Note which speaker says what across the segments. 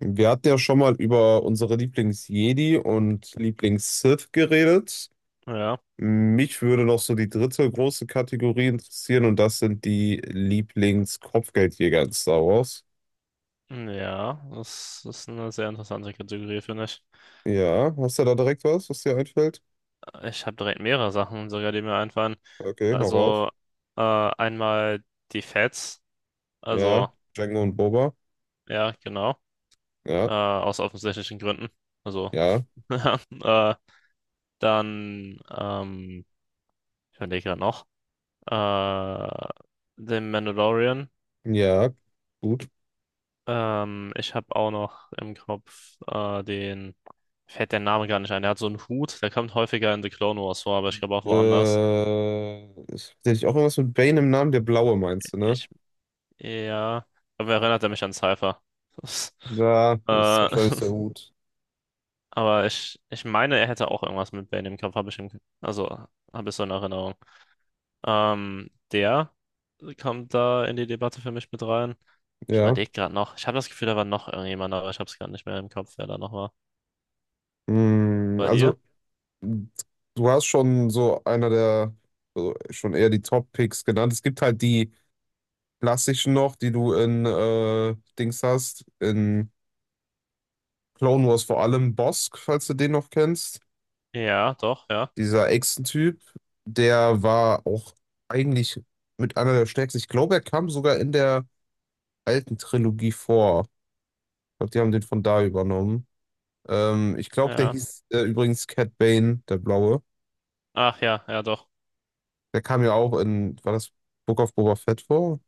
Speaker 1: Wir hatten ja schon mal über unsere Lieblings-Jedi und Lieblings-Sith geredet.
Speaker 2: Ja,
Speaker 1: Mich würde noch so die dritte große Kategorie interessieren und das sind die Lieblings-Kopfgeldjäger in Star Wars.
Speaker 2: ja, das ist eine sehr interessante Kategorie, finde ich.
Speaker 1: Ja, hast du da direkt was, was dir einfällt?
Speaker 2: Ich habe direkt mehrere Sachen sogar, die mir einfallen.
Speaker 1: Okay, hau raus.
Speaker 2: Also einmal die Feds, also
Speaker 1: Ja, Jango und Boba.
Speaker 2: ja, genau,
Speaker 1: Ja,
Speaker 2: aus offensichtlichen Gründen. Also
Speaker 1: ja,
Speaker 2: äh, dann, ähm, ich überlege gerade noch, äh, den Mandalorian.
Speaker 1: ja, gut.
Speaker 2: Ich habe auch noch im Kopf fällt der Name gar nicht ein. Der hat so einen Hut, der kommt häufiger in The Clone Wars vor, aber ich glaube auch woanders.
Speaker 1: Äh, Ist tatsächlich auch irgendwas mit Bane im Namen, der Blaue meinst du, ne?
Speaker 2: Ich, ja, aber erinnert er mich an Cypher. Das-
Speaker 1: Da ist
Speaker 2: Äh,
Speaker 1: wahrscheinlich der Hut.
Speaker 2: aber ich meine, er hätte auch irgendwas mit Bane im Kopf, habe ich im, also habe ich so in Erinnerung. Der kommt da in die Debatte für mich mit rein. Ich
Speaker 1: Ja.
Speaker 2: überlege gerade noch. Ich habe das Gefühl, da war noch irgendjemand, aber ich habe es gar nicht mehr im Kopf, wer da noch war.
Speaker 1: Hm,
Speaker 2: Bei dir?
Speaker 1: also du hast schon so einer der, also schon eher die Top-Picks genannt. Es gibt halt die klassischen noch, die du in Dings hast, in Clone Wars vor allem Bosk, falls du den noch kennst.
Speaker 2: Ja, doch, ja.
Speaker 1: Dieser Echsen-Typ, der war auch eigentlich mit einer der stärksten. Ich glaube, er kam sogar in der alten Trilogie vor. Ich glaube, die haben den von da übernommen. Ich glaube, der
Speaker 2: Ja.
Speaker 1: hieß übrigens Cat Bane, der Blaue.
Speaker 2: Ach ja, ja doch.
Speaker 1: Der kam ja auch in, war das Book of Boba Fett vor?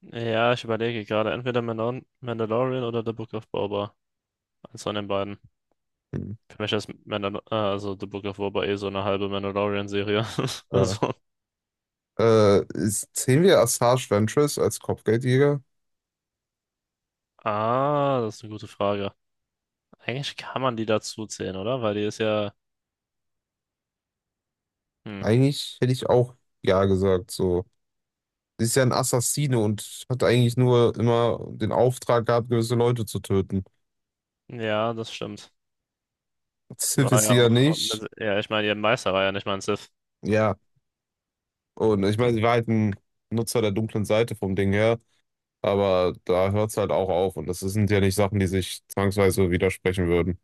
Speaker 2: Ja, ich überlege gerade, entweder Mandalorian oder The Book of Boba. Eins von den beiden.
Speaker 1: Hm.
Speaker 2: Für mich ist Mandal also The Book of Boba eh so eine halbe Mandalorian-Serie.
Speaker 1: Ja.
Speaker 2: Also,
Speaker 1: Zählen wir Assage Ventress als Kopfgeldjäger?
Speaker 2: ah, das ist eine gute Frage. Eigentlich kann man die dazu zählen, oder? Weil die ist ja, hm,
Speaker 1: Eigentlich hätte ich auch ja gesagt. So. Sie ist ja ein Assassine und hat eigentlich nur immer den Auftrag gehabt, gewisse Leute zu töten.
Speaker 2: ja, das stimmt. Die
Speaker 1: Sith
Speaker 2: War
Speaker 1: ist
Speaker 2: ja
Speaker 1: sie ja
Speaker 2: auch,
Speaker 1: nicht.
Speaker 2: ja, ich meine, ihr Meister war ja nicht mal ein Sith.
Speaker 1: Ja. Und ich meine, sie war halt ein Nutzer der dunklen Seite vom Ding her, aber da hört es halt auch auf. Und das sind ja nicht Sachen, die sich zwangsweise widersprechen würden.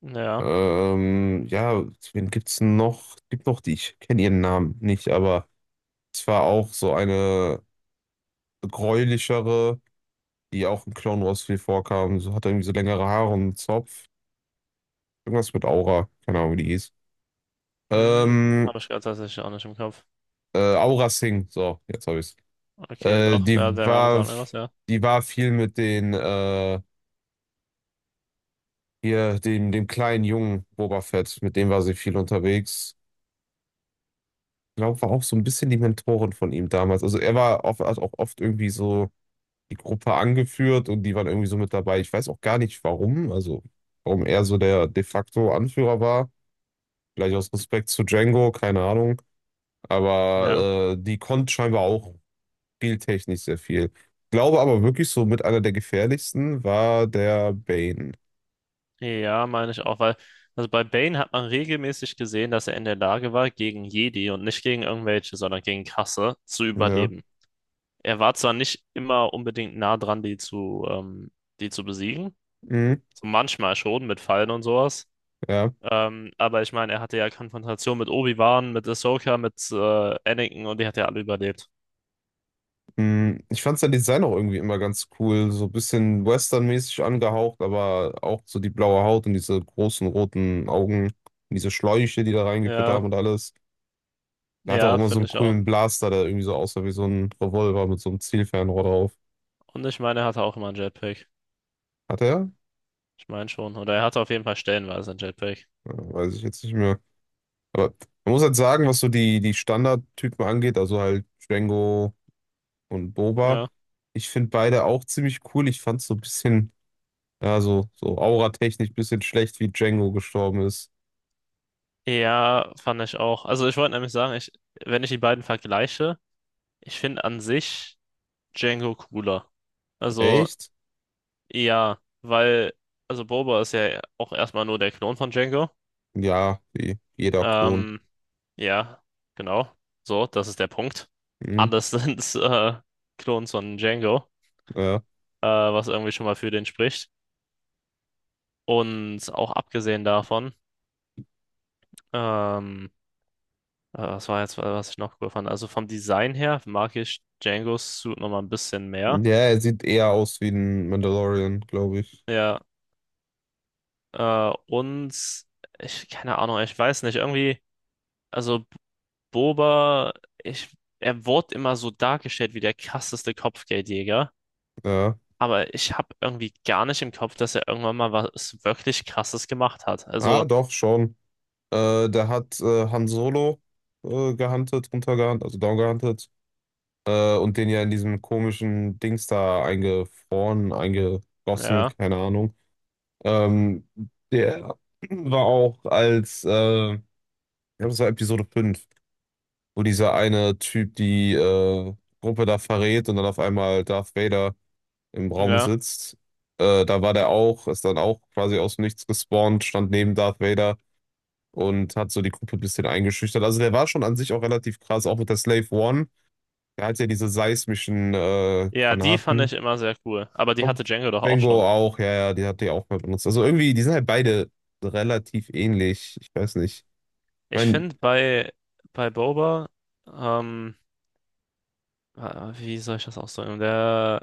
Speaker 2: Ja,
Speaker 1: Ja, wen gibt's denn noch? Es gibt noch die, ich kenne ihren Namen nicht, aber es war auch so eine gräulichere, die auch in Clone Wars viel vorkamen. So hat er irgendwie so längere Haare und einen Zopf. Irgendwas mit Aura. Keine Ahnung, wie die hieß.
Speaker 2: hm,
Speaker 1: Ähm,
Speaker 2: habe ich gerade tatsächlich auch nicht im Kopf.
Speaker 1: Aura Singh. So, jetzt habe ich's.
Speaker 2: Okay,
Speaker 1: Äh,
Speaker 2: doch,
Speaker 1: die
Speaker 2: ja, der Name
Speaker 1: war,
Speaker 2: sagt mir was, ja.
Speaker 1: die war viel mit den, hier, dem kleinen Jungen Boba Fett. Mit dem war sie viel unterwegs. Ich glaube, war auch so ein bisschen die Mentorin von ihm damals. Also er war oft, hat auch oft irgendwie so die Gruppe angeführt und die waren irgendwie so mit dabei. Ich weiß auch gar nicht warum, also warum er so der de facto Anführer war. Vielleicht aus Respekt zu Django, keine Ahnung.
Speaker 2: Ja.
Speaker 1: Aber die konnte scheinbar auch spieltechnisch sehr viel. Glaube aber wirklich so mit einer der gefährlichsten war der Bane.
Speaker 2: Ja, meine ich auch, weil, also bei Bane hat man regelmäßig gesehen, dass er in der Lage war, gegen Jedi und nicht gegen irgendwelche, sondern gegen Kasse zu
Speaker 1: Ja.
Speaker 2: überleben. Er war zwar nicht immer unbedingt nah dran, die zu besiegen,
Speaker 1: Mhm.
Speaker 2: so manchmal schon mit Fallen und sowas,
Speaker 1: Ja.
Speaker 2: aber ich meine, er hatte ja Konfrontation mit Obi-Wan, mit Ahsoka, mit Anakin, und die hat ja alle überlebt.
Speaker 1: Mhm. Ich fand sein Design auch irgendwie immer ganz cool. So ein bisschen westernmäßig angehaucht, aber auch so die blaue Haut und diese großen roten Augen, und diese Schläuche, die da reingeführt
Speaker 2: Ja,
Speaker 1: haben und alles. Er hat auch
Speaker 2: ja,
Speaker 1: immer so
Speaker 2: finde
Speaker 1: einen
Speaker 2: ich auch.
Speaker 1: coolen Blaster, der irgendwie so aussah wie so ein Revolver mit so einem Zielfernrohr drauf.
Speaker 2: Und ich meine, er hatte auch immer einen Jetpack.
Speaker 1: Hat er?
Speaker 2: Ich meine schon. Oder er hatte auf jeden Fall stellenweise einen Jetpack.
Speaker 1: Ja, weiß ich jetzt nicht mehr. Aber man muss halt sagen, was so die Standardtypen angeht, also halt Django und Boba.
Speaker 2: Ja.
Speaker 1: Ich finde beide auch ziemlich cool. Ich fand es so ein bisschen, ja, so, so auratechnisch ein bisschen schlecht, wie Django gestorben ist.
Speaker 2: Ja, fand ich auch. Also ich wollte nämlich sagen, wenn ich die beiden vergleiche, ich finde an sich Django cooler. Also
Speaker 1: Echt?
Speaker 2: ja, weil, also Boba ist ja auch erstmal nur der Klon von Django.
Speaker 1: Ja, wie jeder Klon.
Speaker 2: Ähm, ja, genau. So, das ist der Punkt.
Speaker 1: Hm,
Speaker 2: Alles sind Klons von Django,
Speaker 1: ja.
Speaker 2: was irgendwie schon mal für den spricht. Und auch abgesehen davon, ähm, was war jetzt, was ich noch cool fand? Also vom Design her mag ich Django's Suit nochmal ein bisschen mehr.
Speaker 1: Ja, er sieht eher aus wie ein Mandalorian, glaube ich.
Speaker 2: Ja, und ich, keine Ahnung, ich weiß nicht, irgendwie, also Boba, ich, er wurde immer so dargestellt wie der krasseste Kopfgeldjäger,
Speaker 1: Ja.
Speaker 2: aber ich habe irgendwie gar nicht im Kopf, dass er irgendwann mal was wirklich Krasses gemacht hat.
Speaker 1: Ah,
Speaker 2: Also,
Speaker 1: doch, schon. Der hat Han Solo runtergehuntet, also down und den ja in diesem komischen Dings da eingefroren, eingegossen,
Speaker 2: ja,
Speaker 1: keine Ahnung. Ähm, Der war auch ich glaube, das war Episode 5, wo dieser eine Typ die Gruppe da verrät und dann auf einmal Darth Vader im Raum
Speaker 2: ja.
Speaker 1: sitzt. Da war der auch, ist dann auch quasi aus dem Nichts gespawnt, stand neben Darth Vader und hat so die Gruppe ein bisschen eingeschüchtert. Also der war schon an sich auch relativ krass, auch mit der Slave One. Der hat ja diese seismischen
Speaker 2: Ja, die fand ich
Speaker 1: Granaten,
Speaker 2: immer sehr cool, aber die hatte
Speaker 1: und
Speaker 2: Django doch auch
Speaker 1: Django
Speaker 2: schon.
Speaker 1: auch, ja, ja, die hat die auch mal benutzt. Also irgendwie, die sind halt beide relativ ähnlich. Ich weiß nicht. Ich
Speaker 2: Ich
Speaker 1: meine,
Speaker 2: finde bei Boba, ähm, äh, wie soll ich das ausdrücken? Der,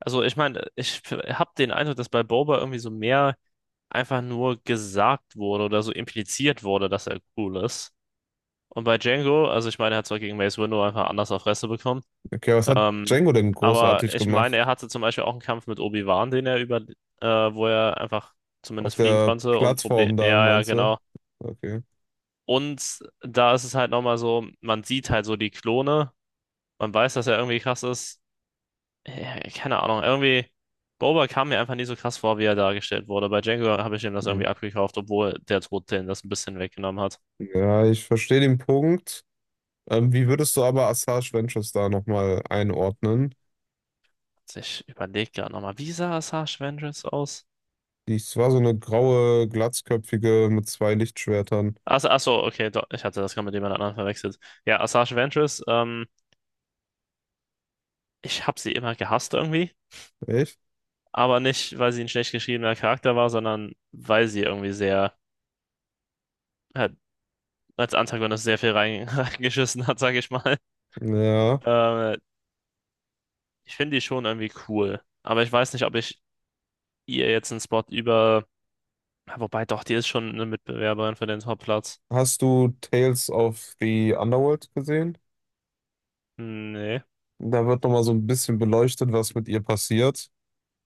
Speaker 2: also ich meine, ich habe den Eindruck, dass bei Boba irgendwie so mehr einfach nur gesagt wurde oder so impliziert wurde, dass er cool ist. Und bei Django, also ich meine, er hat zwar gegen Mace Windu einfach anders auf Fresse bekommen,
Speaker 1: okay, was hat
Speaker 2: ähm,
Speaker 1: Django denn
Speaker 2: aber
Speaker 1: großartig
Speaker 2: ich meine,
Speaker 1: gemacht?
Speaker 2: er hatte zum Beispiel auch einen Kampf mit Obi-Wan, den er über, äh, wo er einfach
Speaker 1: Auf
Speaker 2: zumindest fliehen
Speaker 1: der
Speaker 2: konnte und Problem,
Speaker 1: Plattform da,
Speaker 2: ja, ja,
Speaker 1: meinst du?
Speaker 2: genau.
Speaker 1: Okay.
Speaker 2: Und da ist es halt nochmal so, man sieht halt so die Klone, man weiß, dass er irgendwie krass ist, keine Ahnung, irgendwie, Boba kam mir einfach nicht so krass vor, wie er dargestellt wurde. Bei Django habe ich ihm das
Speaker 1: Hm.
Speaker 2: irgendwie abgekauft, obwohl der Tod den das ein bisschen weggenommen hat.
Speaker 1: Ja, ich verstehe den Punkt. Wie würdest du aber Asajj Ventress da nochmal einordnen?
Speaker 2: Ich überlege gerade nochmal, wie sah Asajj Ventress aus?
Speaker 1: Die Es war so eine graue, glatzköpfige mit zwei Lichtschwertern.
Speaker 2: Ach so, okay, doch, ich hatte das gerade mit jemand anderem verwechselt. Ja, Asajj Ventress, ich habe sie immer gehasst irgendwie,
Speaker 1: Echt?
Speaker 2: aber nicht, weil sie ein schlecht geschriebener Charakter war, sondern weil sie irgendwie sehr, äh, als Antagonist sehr viel rein- reingeschissen hat, sage ich mal.
Speaker 1: Ja.
Speaker 2: Äh, Ich finde die schon irgendwie cool, aber ich weiß nicht, ob ich ihr jetzt einen Spot über. Ja, Wobei doch, die ist schon eine Mitbewerberin für den Topplatz.
Speaker 1: Hast du Tales of the Underworld gesehen?
Speaker 2: Nee,
Speaker 1: Da wird nochmal so ein bisschen beleuchtet, was mit ihr passiert.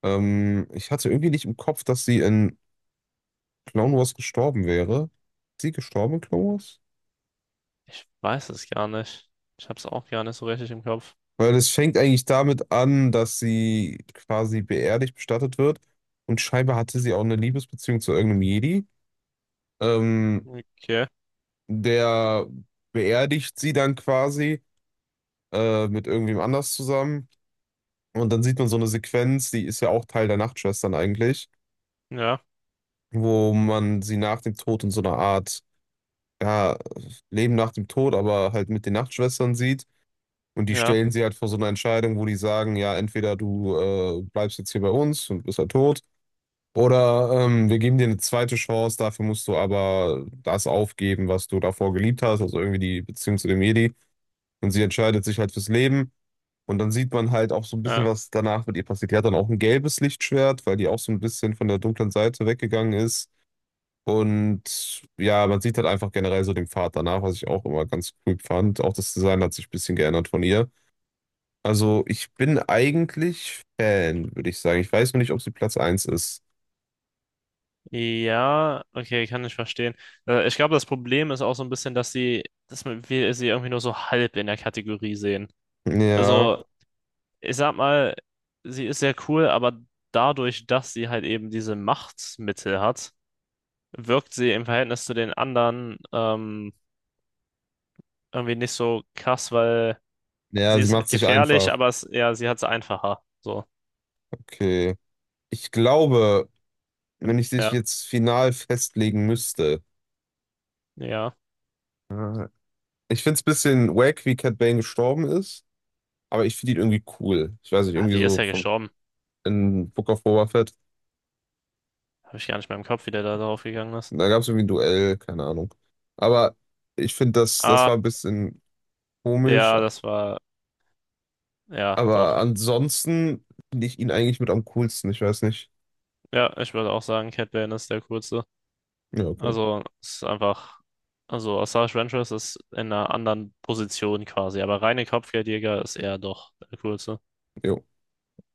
Speaker 1: Ich hatte irgendwie nicht im Kopf, dass sie in Clone Wars gestorben wäre. Ist sie gestorben in Clone Wars?
Speaker 2: ich weiß es gar nicht. Ich hab's auch gar nicht so richtig im Kopf.
Speaker 1: Weil es fängt eigentlich damit an, dass sie quasi beerdigt bestattet wird. Und scheinbar hatte sie auch eine Liebesbeziehung zu irgendeinem Jedi. Ähm,
Speaker 2: Okay,
Speaker 1: Der beerdigt sie dann quasi mit irgendwem anders zusammen. Und dann sieht man so eine Sequenz, die ist ja auch Teil der Nachtschwestern eigentlich,
Speaker 2: ja,
Speaker 1: wo man sie nach dem Tod in so einer Art, ja, Leben nach dem Tod, aber halt mit den Nachtschwestern sieht. Und die
Speaker 2: ja.
Speaker 1: stellen sie halt vor so eine Entscheidung, wo die sagen, ja, entweder du bleibst jetzt hier bei uns und bist halt tot, oder wir geben dir eine zweite Chance, dafür musst du aber das aufgeben, was du davor geliebt hast, also irgendwie die Beziehung zu dem Jedi. Und sie entscheidet sich halt fürs Leben. Und dann sieht man halt auch so ein bisschen,
Speaker 2: Ja,
Speaker 1: was danach mit ihr passiert. Die hat dann auch ein gelbes Lichtschwert, weil die auch so ein bisschen von der dunklen Seite weggegangen ist. Und ja, man sieht halt einfach generell so den Pfad danach, was ich auch immer ganz cool fand. Auch das Design hat sich ein bisschen geändert von ihr. Also ich bin eigentlich Fan, würde ich sagen. Ich weiß nur nicht, ob sie Platz eins ist.
Speaker 2: ja, okay, kann ich verstehen. Ich glaube, das Problem ist auch so ein bisschen, dass wir sie irgendwie nur so halb in der Kategorie sehen.
Speaker 1: Ja,
Speaker 2: Also, ich sag mal, sie ist sehr cool, aber dadurch, dass sie halt eben diese Machtmittel hat, wirkt sie im Verhältnis zu den anderen, irgendwie nicht so krass, weil
Speaker 1: ja,
Speaker 2: sie
Speaker 1: sie
Speaker 2: ist
Speaker 1: macht
Speaker 2: halt
Speaker 1: sich
Speaker 2: gefährlich,
Speaker 1: einfach.
Speaker 2: aber es, ja, sie hat es einfacher. So.
Speaker 1: Okay. Ich glaube, wenn ich dich
Speaker 2: Ja,
Speaker 1: jetzt final festlegen müsste,
Speaker 2: ja.
Speaker 1: äh, ich finde es ein bisschen wack, wie Cat Bane gestorben ist, aber ich finde ihn irgendwie cool. Ich weiß nicht,
Speaker 2: Ah,
Speaker 1: irgendwie
Speaker 2: wie ist
Speaker 1: so
Speaker 2: er
Speaker 1: vom
Speaker 2: gestorben?
Speaker 1: in Book of Boba Fett.
Speaker 2: Habe ich gar nicht mehr im Kopf, wie der da drauf gegangen ist.
Speaker 1: Da gab es irgendwie ein Duell, keine Ahnung. Aber ich finde, das
Speaker 2: Ah,
Speaker 1: war ein bisschen komisch.
Speaker 2: ja, das war, ja,
Speaker 1: Aber
Speaker 2: doch.
Speaker 1: ansonsten finde ich ihn eigentlich mit am coolsten. Ich weiß nicht.
Speaker 2: Ja, ich würde auch sagen, Cat Bane ist der kurze.
Speaker 1: Ja, okay.
Speaker 2: Also, es ist einfach, also Osage Ventress ist in einer anderen Position quasi, aber reine Kopfgeldjäger ist er doch der kurze.
Speaker 1: Jo.